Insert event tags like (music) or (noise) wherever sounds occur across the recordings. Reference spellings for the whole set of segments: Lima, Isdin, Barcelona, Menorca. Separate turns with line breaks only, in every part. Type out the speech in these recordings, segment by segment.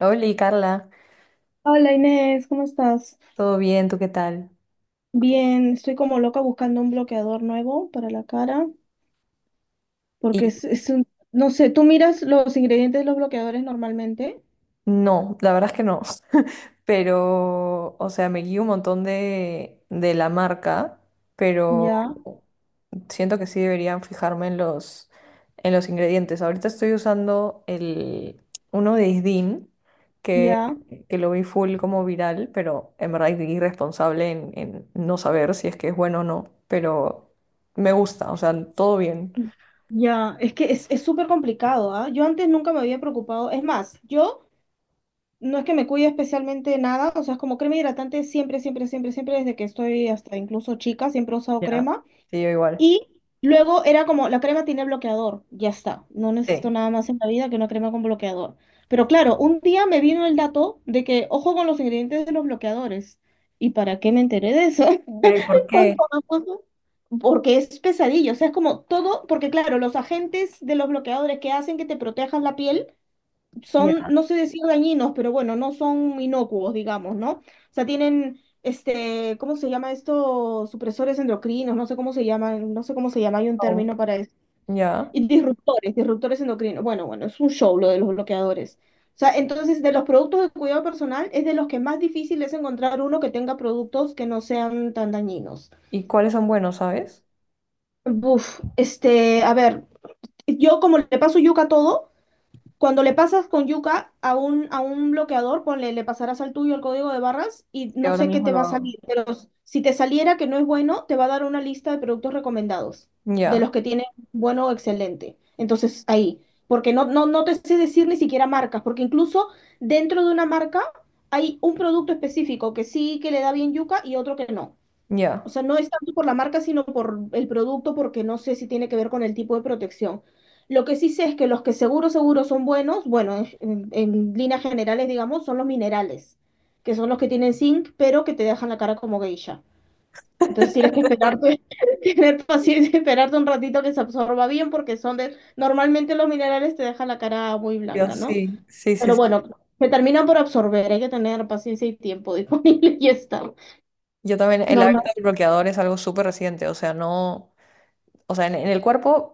Hola, Carla,
Hola Inés, ¿cómo estás?
¿todo bien? ¿Tú qué tal?
Bien, estoy como loca buscando un bloqueador nuevo para la cara, porque
Y
es un, no sé, tú miras los ingredientes de los bloqueadores normalmente,
no, la verdad es que no, (laughs) pero, o sea, me guío un montón de la marca, pero
ya,
siento que sí deberían fijarme en en los ingredientes. Ahorita estoy usando uno de Isdin, que,
ya,
que lo vi full como viral, pero en verdad es irresponsable en no saber si es que es bueno o no, pero me gusta, o sea, todo bien,
ya, es que es súper complicado, ¿ah? Yo antes nunca me había preocupado, es más, yo no es que me cuide especialmente de nada, o sea, es como crema hidratante siempre, siempre, siempre, siempre, desde que estoy hasta incluso chica, siempre he usado
¿ya?
crema.
Sí, yo igual.
Y luego era como, la crema tiene bloqueador, ya está. No necesito
Sí.
nada más en la vida que una crema con bloqueador. Pero claro, un día me vino el dato de que, ojo con los ingredientes de los bloqueadores. ¿Y para qué me enteré de eso?
Pero ¿y
(laughs)
por
Cuando
qué?
me puso- Porque es pesadillo, o sea, es como todo, porque claro, los agentes de los bloqueadores que hacen que te protejas la piel son,
Ya,
no sé decir dañinos, pero bueno, no son inocuos, digamos, ¿no? O sea, tienen, este, ¿cómo se llama esto? Supresores endocrinos, no sé cómo se llaman, no sé cómo se llama, hay un
oh,
término para eso.
ya.
Y disruptores endocrinos. Bueno, bueno, es un show lo de los bloqueadores. O sea, entonces, de los productos de cuidado personal, es de los que más difícil es encontrar uno que tenga productos que no sean tan dañinos.
¿Y cuáles son buenos, sabes?
Buf, este, a ver, yo como le paso yuca a todo, cuando le pasas con yuca a un bloqueador, ponle, le pasarás al tuyo el código de barras y
Que
no
ahora
sé qué
mismo
te
lo
va a
hago.
salir. Pero si te saliera que no es bueno, te va a dar una lista de productos recomendados, de
Ya,
los que tienen bueno o excelente. Entonces, ahí, porque no, no, no te sé decir ni siquiera marcas, porque incluso dentro de una marca hay un producto específico que sí que le da bien yuca y otro que no. O
ya.
sea, no es tanto por la marca, sino por el producto, porque no sé si tiene que ver con el tipo de protección. Lo que sí sé es que los que seguro, seguro son buenos, bueno, en líneas generales, digamos, son los minerales, que son los que tienen zinc, pero que te dejan la cara como geisha. Entonces tienes que esperarte, (laughs) tener paciencia, esperarte un ratito que se absorba bien, porque son de, normalmente los minerales te dejan la cara muy
Yo
blanca, ¿no?
sí, sí, sí,
Pero
sí.
bueno, se terminan por absorber, hay que tener paciencia y tiempo disponible (laughs) y ya está.
Yo también, el hábito
Normal,
del bloqueador es algo súper reciente, o sea, no, o sea, en el cuerpo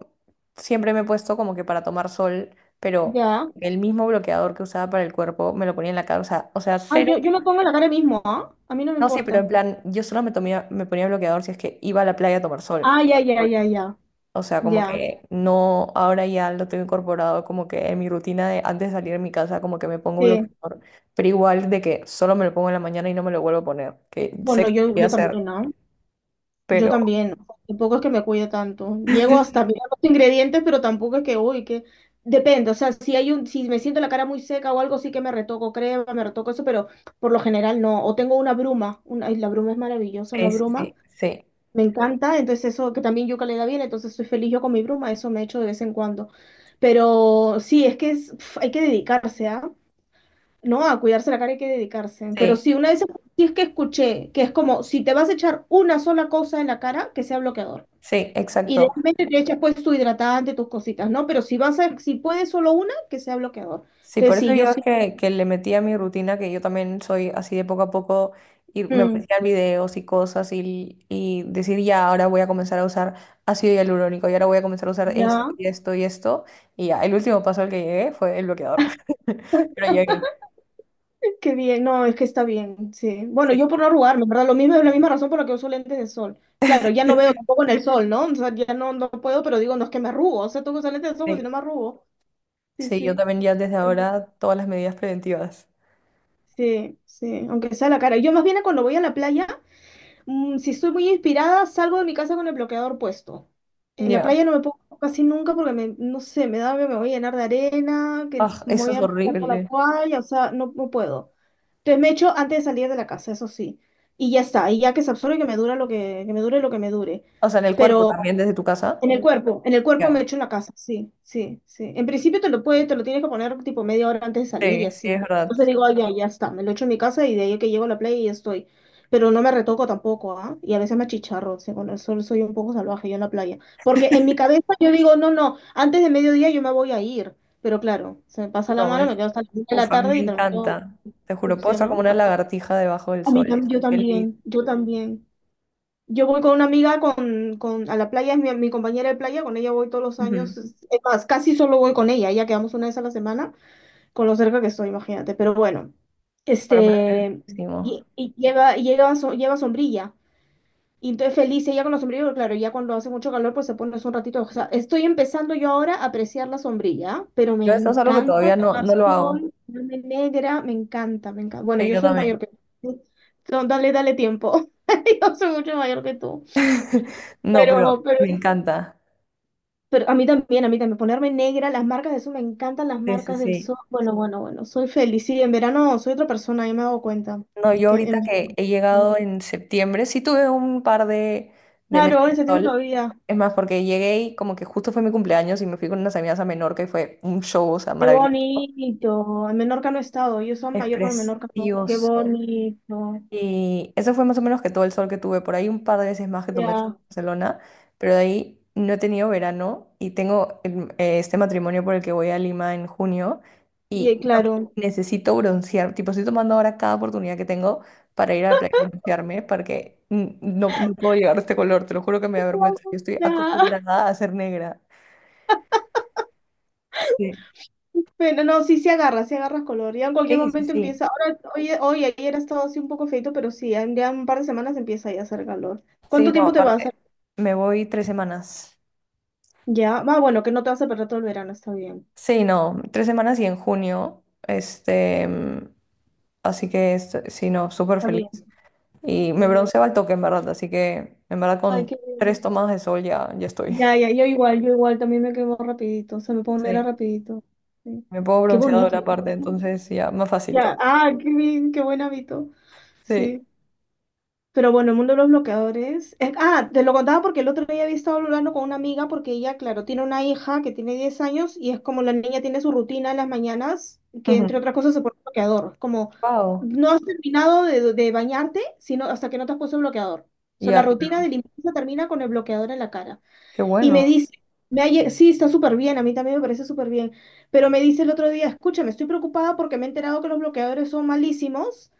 siempre me he puesto como que para tomar sol, pero
ya.
el mismo bloqueador que usaba para el cuerpo me lo ponía en la cara, o sea,
Ay,
cero,
yo me pongo la cara mismo, ¿ah? A mí no me
no, sí, pero
importa.
en plan, yo solo me ponía bloqueador si es que iba a la playa a tomar sol.
Ah, ya, ya, ya, ya,
O sea, como
ya.
que no, ahora ya lo tengo incorporado como que en mi rutina de antes de salir de mi casa, como que me pongo
Sí.
bloqueador, pero igual de que solo me lo pongo en la mañana y no me lo vuelvo a poner, que sé
Bueno,
que lo
yo,
voy a
yo también,
hacer,
¿no? Yo
pero
también. Tampoco es que me cuide tanto. Diego hasta
(laughs)
mirar los ingredientes, pero tampoco es que, uy, que... Depende, o sea, si me siento la cara muy seca o algo, sí que me retoco crema, me retoco eso, pero por lo general no. O tengo una bruma, la bruma es maravillosa, una
sí, sí,
bruma,
sí,
me encanta, entonces eso que también yuca le da bien, entonces soy feliz yo con mi bruma, eso me echo de vez en cuando. Pero sí, pf, hay que dedicarse, ¿ah? No, a cuidarse la cara hay que dedicarse. Pero
sí,
si es que escuché que es como si te vas a echar una sola cosa en la cara, que sea bloqueador.
sí, exacto.
Idealmente te echas pues tu hidratante, tus cositas, ¿no? Pero si puedes solo una, que sea bloqueador.
Sí,
Entonces,
por eso
sí, yo
yo
sí.
que le metí a mi rutina, que yo también soy así de poco a poco, y me
Mm,
aparecían videos y cosas, y decir ya, ahora voy a comenzar a usar ácido hialurónico, y ahora voy a comenzar a usar esto
ya,
y esto y esto, y ya, el último paso al que llegué fue el bloqueador. (laughs) Pero llegué.
(laughs) qué bien. No, es que está bien, sí. Bueno,
Sí,
yo por no arrugarme, ¿verdad? Lo mismo es la misma razón por la que uso lentes de sol. Claro, ya no veo tampoco en el sol, ¿no? O sea, ya no, no puedo, pero digo, no es que me arrugo. O sea, tengo que usar lentes de sol, porque si
sí.
no me arrugo.
(laughs)
Sí,
Sí, yo
sí.
también ya desde ahora todas las medidas preventivas.
Sí, sí, aunque sea la cara. Yo más bien cuando voy a la playa, si estoy muy inspirada, salgo de mi casa con el bloqueador puesto. En la
Ya.
playa no me pongo casi nunca porque me, no sé, me da, me voy a llenar de arena, que
Ah,
me
eso
voy
es
a meter por la
horrible.
toalla, o sea, no, no puedo. Entonces me echo antes de salir de la casa, eso sí. Y ya está, y ya que se absorbe, que me dura lo que me dure lo que me dure.
O sea, en el cuerpo
Pero
también, desde tu casa.
en el cuerpo
Ya.
me echo en la casa, sí, sí, sí. En principio te lo puede, te lo tienes que poner tipo media hora antes de salir y
Sí, sí, es
así.
verdad.
Entonces digo, ay, ya, ya está, me lo echo en mi casa y de ahí que llego a la playa y ya estoy. Pero no me retoco tampoco, ¿ah? Y a veces me achicharro, o sea, con el sol soy un poco salvaje yo en la playa. Porque en mi cabeza yo digo, no, no, antes de mediodía yo me voy a ir. Pero claro, se me pasa la
No,
mano,
es
me quedo hasta las 10 de la
Uf, a mí
tarde y
me
termino
encanta. Te juro, puedo
sucia,
estar como
¿no?
una lagartija debajo del sol y soy
Yo
feliz.
también, yo también. Yo voy con una amiga a la playa, es mi compañera de playa, con ella voy todos los
Ujú.
años, es más, casi solo voy con ella, ya quedamos una vez a la semana, con lo cerca que estoy, imagínate, pero bueno,
Bueno, pero es
este,
riquísimo.
lleva sombrilla, y entonces feliz ella con la sombrilla, pero claro, ya cuando hace mucho calor, pues se pone eso un ratito, o sea, estoy empezando yo ahora a apreciar la sombrilla, pero me
Yo eso es algo que
encanta
todavía no,
tomar
no lo hago.
sol, ponerme negra, me encanta, bueno,
Sí,
yo
yo
soy
también.
mayor que tú, (laughs) dale, dale tiempo, (laughs) yo soy mucho mayor que tú.
No, pero
Pero, pero,
me encanta.
Pero a mí también, ponerme negra, las marcas de eso me encantan las
Sí, sí,
marcas del
sí.
sol. Bueno, bueno, bueno, soy feliz. Sí, en verano soy otra persona, yo me hago cuenta.
No, yo
Que
ahorita
en...
que he llegado en septiembre, sí tuve un par de meses
Claro,
de
en septiembre
sol.
todavía.
Es más, porque llegué y como que justo fue mi cumpleaños y me fui con unas amigas a Menorca y fue un show, o sea,
Qué
maravilloso.
bonito. En Menorca no he estado, yo soy en
Es
Mallorca, en Menorca no. Qué
precioso.
bonito.
Y eso fue más o menos que todo el sol que tuve. Por ahí un par de veces más que tomé sol en
Ya,
Barcelona, pero de ahí no he tenido verano y tengo este matrimonio por el que voy a Lima en junio
y
y no-
claro.
necesito broncear. Tipo, estoy tomando ahora cada oportunidad que tengo para ir a la playa a broncearme porque no, no puedo llegar a este color. Te lo juro que me da vergüenza. Yo estoy
Ya. (laughs)
acostumbrada a ser negra. Sí,
Bueno, no, sí, sí agarras color. Ya en cualquier
sí, sí,
momento
sí.
empieza. Ahora, ayer ha estado así un poco feito, pero sí, ya en un par de semanas empieza ya a hacer calor.
Sí,
¿Cuánto
no,
tiempo te vas?
aparte, me voy tres semanas.
Ya, va, bueno, que no te vas a perder todo el verano, está bien.
Sí, no, tres semanas y en junio, este, así que sí, no, súper
Está
feliz.
bien.
Y me
Sí.
bronceaba al toque, en verdad, así que en verdad
Ay,
con
qué bien.
tres tomas de sol ya, ya estoy.
Ya,
(laughs)
ya, yo igual también me quemo rapidito, se me pone era
Sí,
rapidito. Sí.
me puedo
Qué
bronceador
bonito.
aparte, entonces ya, más fácil
Ya,
todo.
ah, qué bien, qué buen hábito.
Sí.
Sí. Pero bueno, el mundo de los bloqueadores. Te lo contaba porque el otro día había estado hablando con una amiga porque ella, claro, tiene una hija que tiene 10 años y es como la niña tiene su rutina en las mañanas, que
Ujú.
entre otras cosas se pone bloqueador. Como
Wow,
no has terminado de bañarte sino hasta que no te has puesto el bloqueador. O sea, la
ya,
rutina de
claro,
limpieza termina con el bloqueador en la cara.
qué
Y me
bueno.
dice, sí, está súper bien, a mí también me parece súper bien, pero me dice el otro día, escúchame, estoy preocupada porque me he enterado que los bloqueadores son malísimos.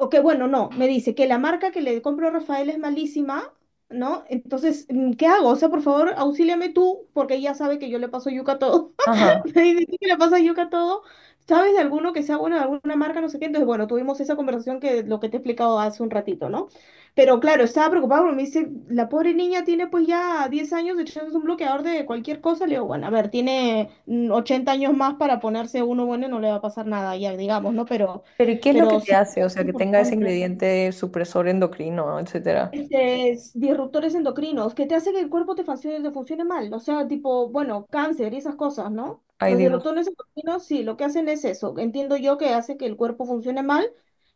O que bueno, no, me dice que la marca que le compro a Rafael es malísima, ¿no? Entonces, ¿qué hago? O sea, por favor, auxíliame tú, porque ella sabe que yo le paso yuca a todo.
Ajá.
(laughs) Me dice, "¿Tú que le pasa yuca a todo? ¿Sabes de alguno que sea bueno, de alguna marca, no sé qué? Entonces, bueno, tuvimos esa conversación que lo que te he explicado hace un ratito, ¿no? Pero claro, estaba preocupado porque me dice, la pobre niña tiene pues ya 10 años echándose un bloqueador de cualquier cosa. Le digo, bueno, a ver, tiene 80 años más para ponerse uno bueno y no le va a pasar nada, ya digamos, ¿no? Pero,
Pero ¿y qué es lo que
pero
te
sí, sí,
hace? O
es
sea, que tenga ese
importante.
ingrediente supresor endocrino, etcétera.
Este, es disruptores endocrinos, que te hace que el cuerpo te funcione mal, o sea, tipo, bueno, cáncer y esas cosas, ¿no?
Ay,
Los
Dios,
disruptores endocrinos, sí, lo que hacen es eso, entiendo yo que hace que el cuerpo funcione mal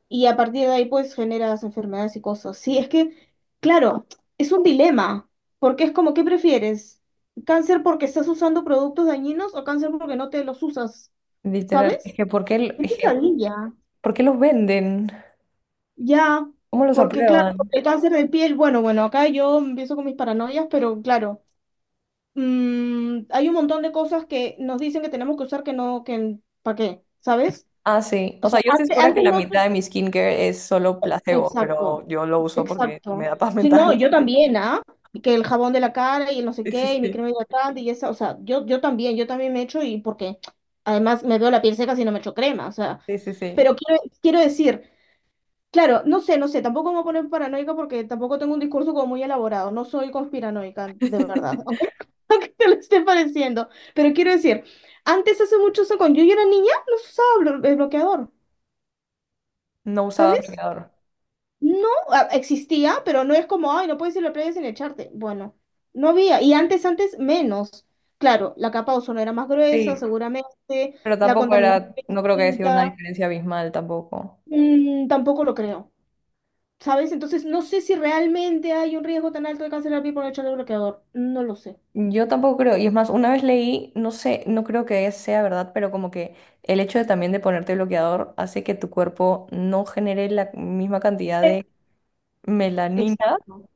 y a partir de ahí, pues, generas enfermedades y cosas. Sí, es que, claro, es un dilema, porque es como, ¿qué prefieres? ¿Cáncer porque estás usando productos dañinos o cáncer porque no te los usas?
literal, es
¿Sabes?
que
Qué pesadilla.
¿por qué los venden?
Ya,
¿Cómo los
porque claro,
aprueban?
porque el cáncer de piel, bueno, bueno, acá yo empiezo con mis paranoias, pero claro, hay un montón de cosas que nos dicen que tenemos que usar que no, que ¿para qué? ¿Sabes?
Ah, sí.
O
O sea,
sea,
yo estoy
antes
segura que
antes,
la
no...
mitad de mi skincare es solo placebo,
Exacto,
pero yo lo uso porque me
exacto.
da paz
Sí, no,
mental.
yo
(laughs)
también, ¿ah? Que el jabón de la cara y el no sé
Sí, sí,
qué, y mi
sí.
crema hidratante y esa, o sea, yo también, yo también me echo y porque además me veo la piel seca si no me echo crema, o sea,
Sí, sí, sí.
pero quiero decir... Claro, no sé, tampoco me voy a poner paranoica porque tampoco tengo un discurso como muy elaborado, no soy conspiranoica, de verdad,
(laughs)
aunque, (laughs) aunque te lo esté pareciendo, pero quiero decir, antes hace muchos años, cuando yo era niña, no se usaba blo- el bloqueador,
No usaba
¿sabes?
bloqueador.
No, ah, existía, pero no es como, ay, no puedes ir a la playa sin echarte, bueno, no había, y antes, menos, claro, la capa de ozono era más gruesa,
Sí,
seguramente,
pero
la
tampoco
contaminación
era,
era
no creo que haya sido una
distinta.
diferencia abismal tampoco.
Mm, tampoco lo creo. ¿Sabes? Entonces no sé si realmente hay un riesgo tan alto de cáncer al piel por echarle bloqueador. No lo sé.
Yo tampoco creo, y es más, una vez leí, no sé, no creo que sea verdad, pero como que el hecho de también de ponerte bloqueador hace que tu cuerpo no genere la misma cantidad
Eh,
de melanina,
Exacto.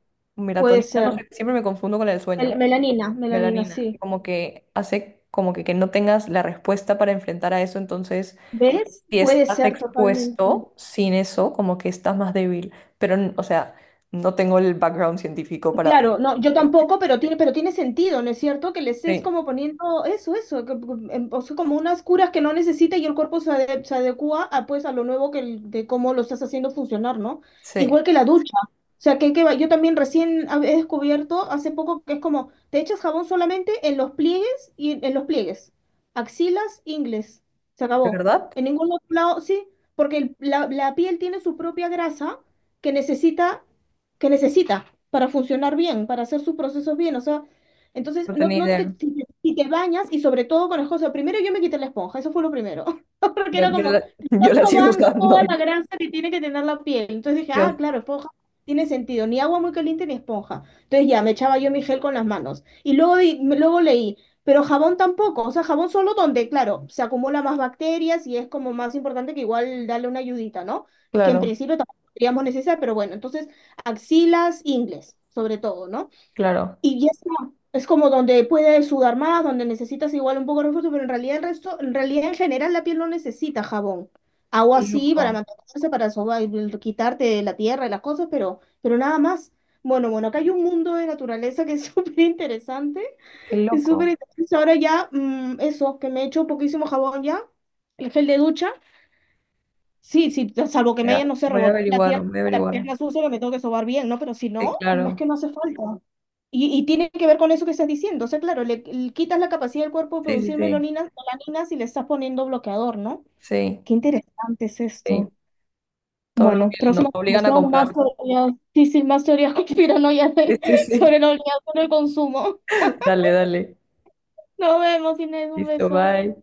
Puede
melatonina, no
ser.
sé, siempre me confundo con el sueño,
Melanina, melanina,
melanina,
sí.
como que hace como que no tengas la respuesta para enfrentar a eso, entonces
¿Ves?
si
Puede
estás
ser totalmente.
expuesto sin eso, como que estás más débil, pero o sea, no tengo el background científico para...
Claro, no, yo tampoco, pero pero tiene sentido, ¿no es cierto? Que les es
Sí,
como poniendo eso, o sea, como unas curas que no necesita y el cuerpo se adecua a, pues, a lo nuevo de cómo lo estás haciendo funcionar, ¿no?
sí, ¿de
Igual que la ducha. O sea, yo también he descubierto hace poco que es como, te echas jabón solamente en los pliegues y en los pliegues. Axilas, ingles. Se acabó.
verdad?
En ningún otro lado, sí, porque la piel tiene su propia grasa que necesita, que necesita para funcionar bien, para hacer sus procesos bien. O sea, entonces,
No tenía idea.
si te bañas y sobre todo con la esponja, primero yo me quité la esponja, eso fue lo primero, (laughs) porque
Yo,
era
yo
como,
la, (laughs) yo la sigo
sobando toda la
usando.
grasa que tiene que tener la piel. Entonces dije,
Yo,
ah, claro, esponja tiene sentido, ni agua muy caliente ni esponja. Entonces ya, me echaba yo mi gel con las manos. Y luego, luego leí, pero jabón tampoco, o sea, jabón solo donde, claro, se acumula más bacterias y es como más importante que igual darle una ayudita, ¿no? Que en
claro,
principio tampoco seríamos necesarias, pero bueno, entonces axilas, ingles, sobre todo, ¿no?
claro.
Y ya está. Es como donde puedes sudar más, donde necesitas igual un poco de refuerzo, pero en realidad el resto, en realidad en general la piel no necesita jabón. Agua
Qué
sí para
loco,
mantenerse, para quitarte la tierra y las cosas, pero nada más. Bueno, bueno, acá hay un mundo de naturaleza que es (laughs) súper interesante.
qué
Es súper
loco.
interesante. Ahora ya, mm, eso, que me he hecho poquísimo jabón ya, el gel de ducha. Sí, sí, salvo que
Voy
me
a,
hayan, no sé,
voy a
revolcado la
averiguar,
tierra,
voy a
la
averiguar.
pierna sucia que me tengo que sobar bien, ¿no? Pero si
Sí,
no, mm, es
claro.
que no hace falta. Y tiene que ver con eso que estás diciendo. O sea, claro, le quitas la capacidad del cuerpo de
Sí, sí,
producir
sí,
melanina, melaninas y le estás poniendo bloqueador, ¿no?
sí,
Qué interesante es
sí.
esto.
Todo lo
Bueno,
que nos
próxima
obligan a
conversación,
comprar.
más teorías, sí, sí, más teorías
Sí, sí,
(laughs) sobre
sí.
el oleaje del consumo.
Dale, dale.
Nos vemos, Inés, un
Listo,
beso.
bye.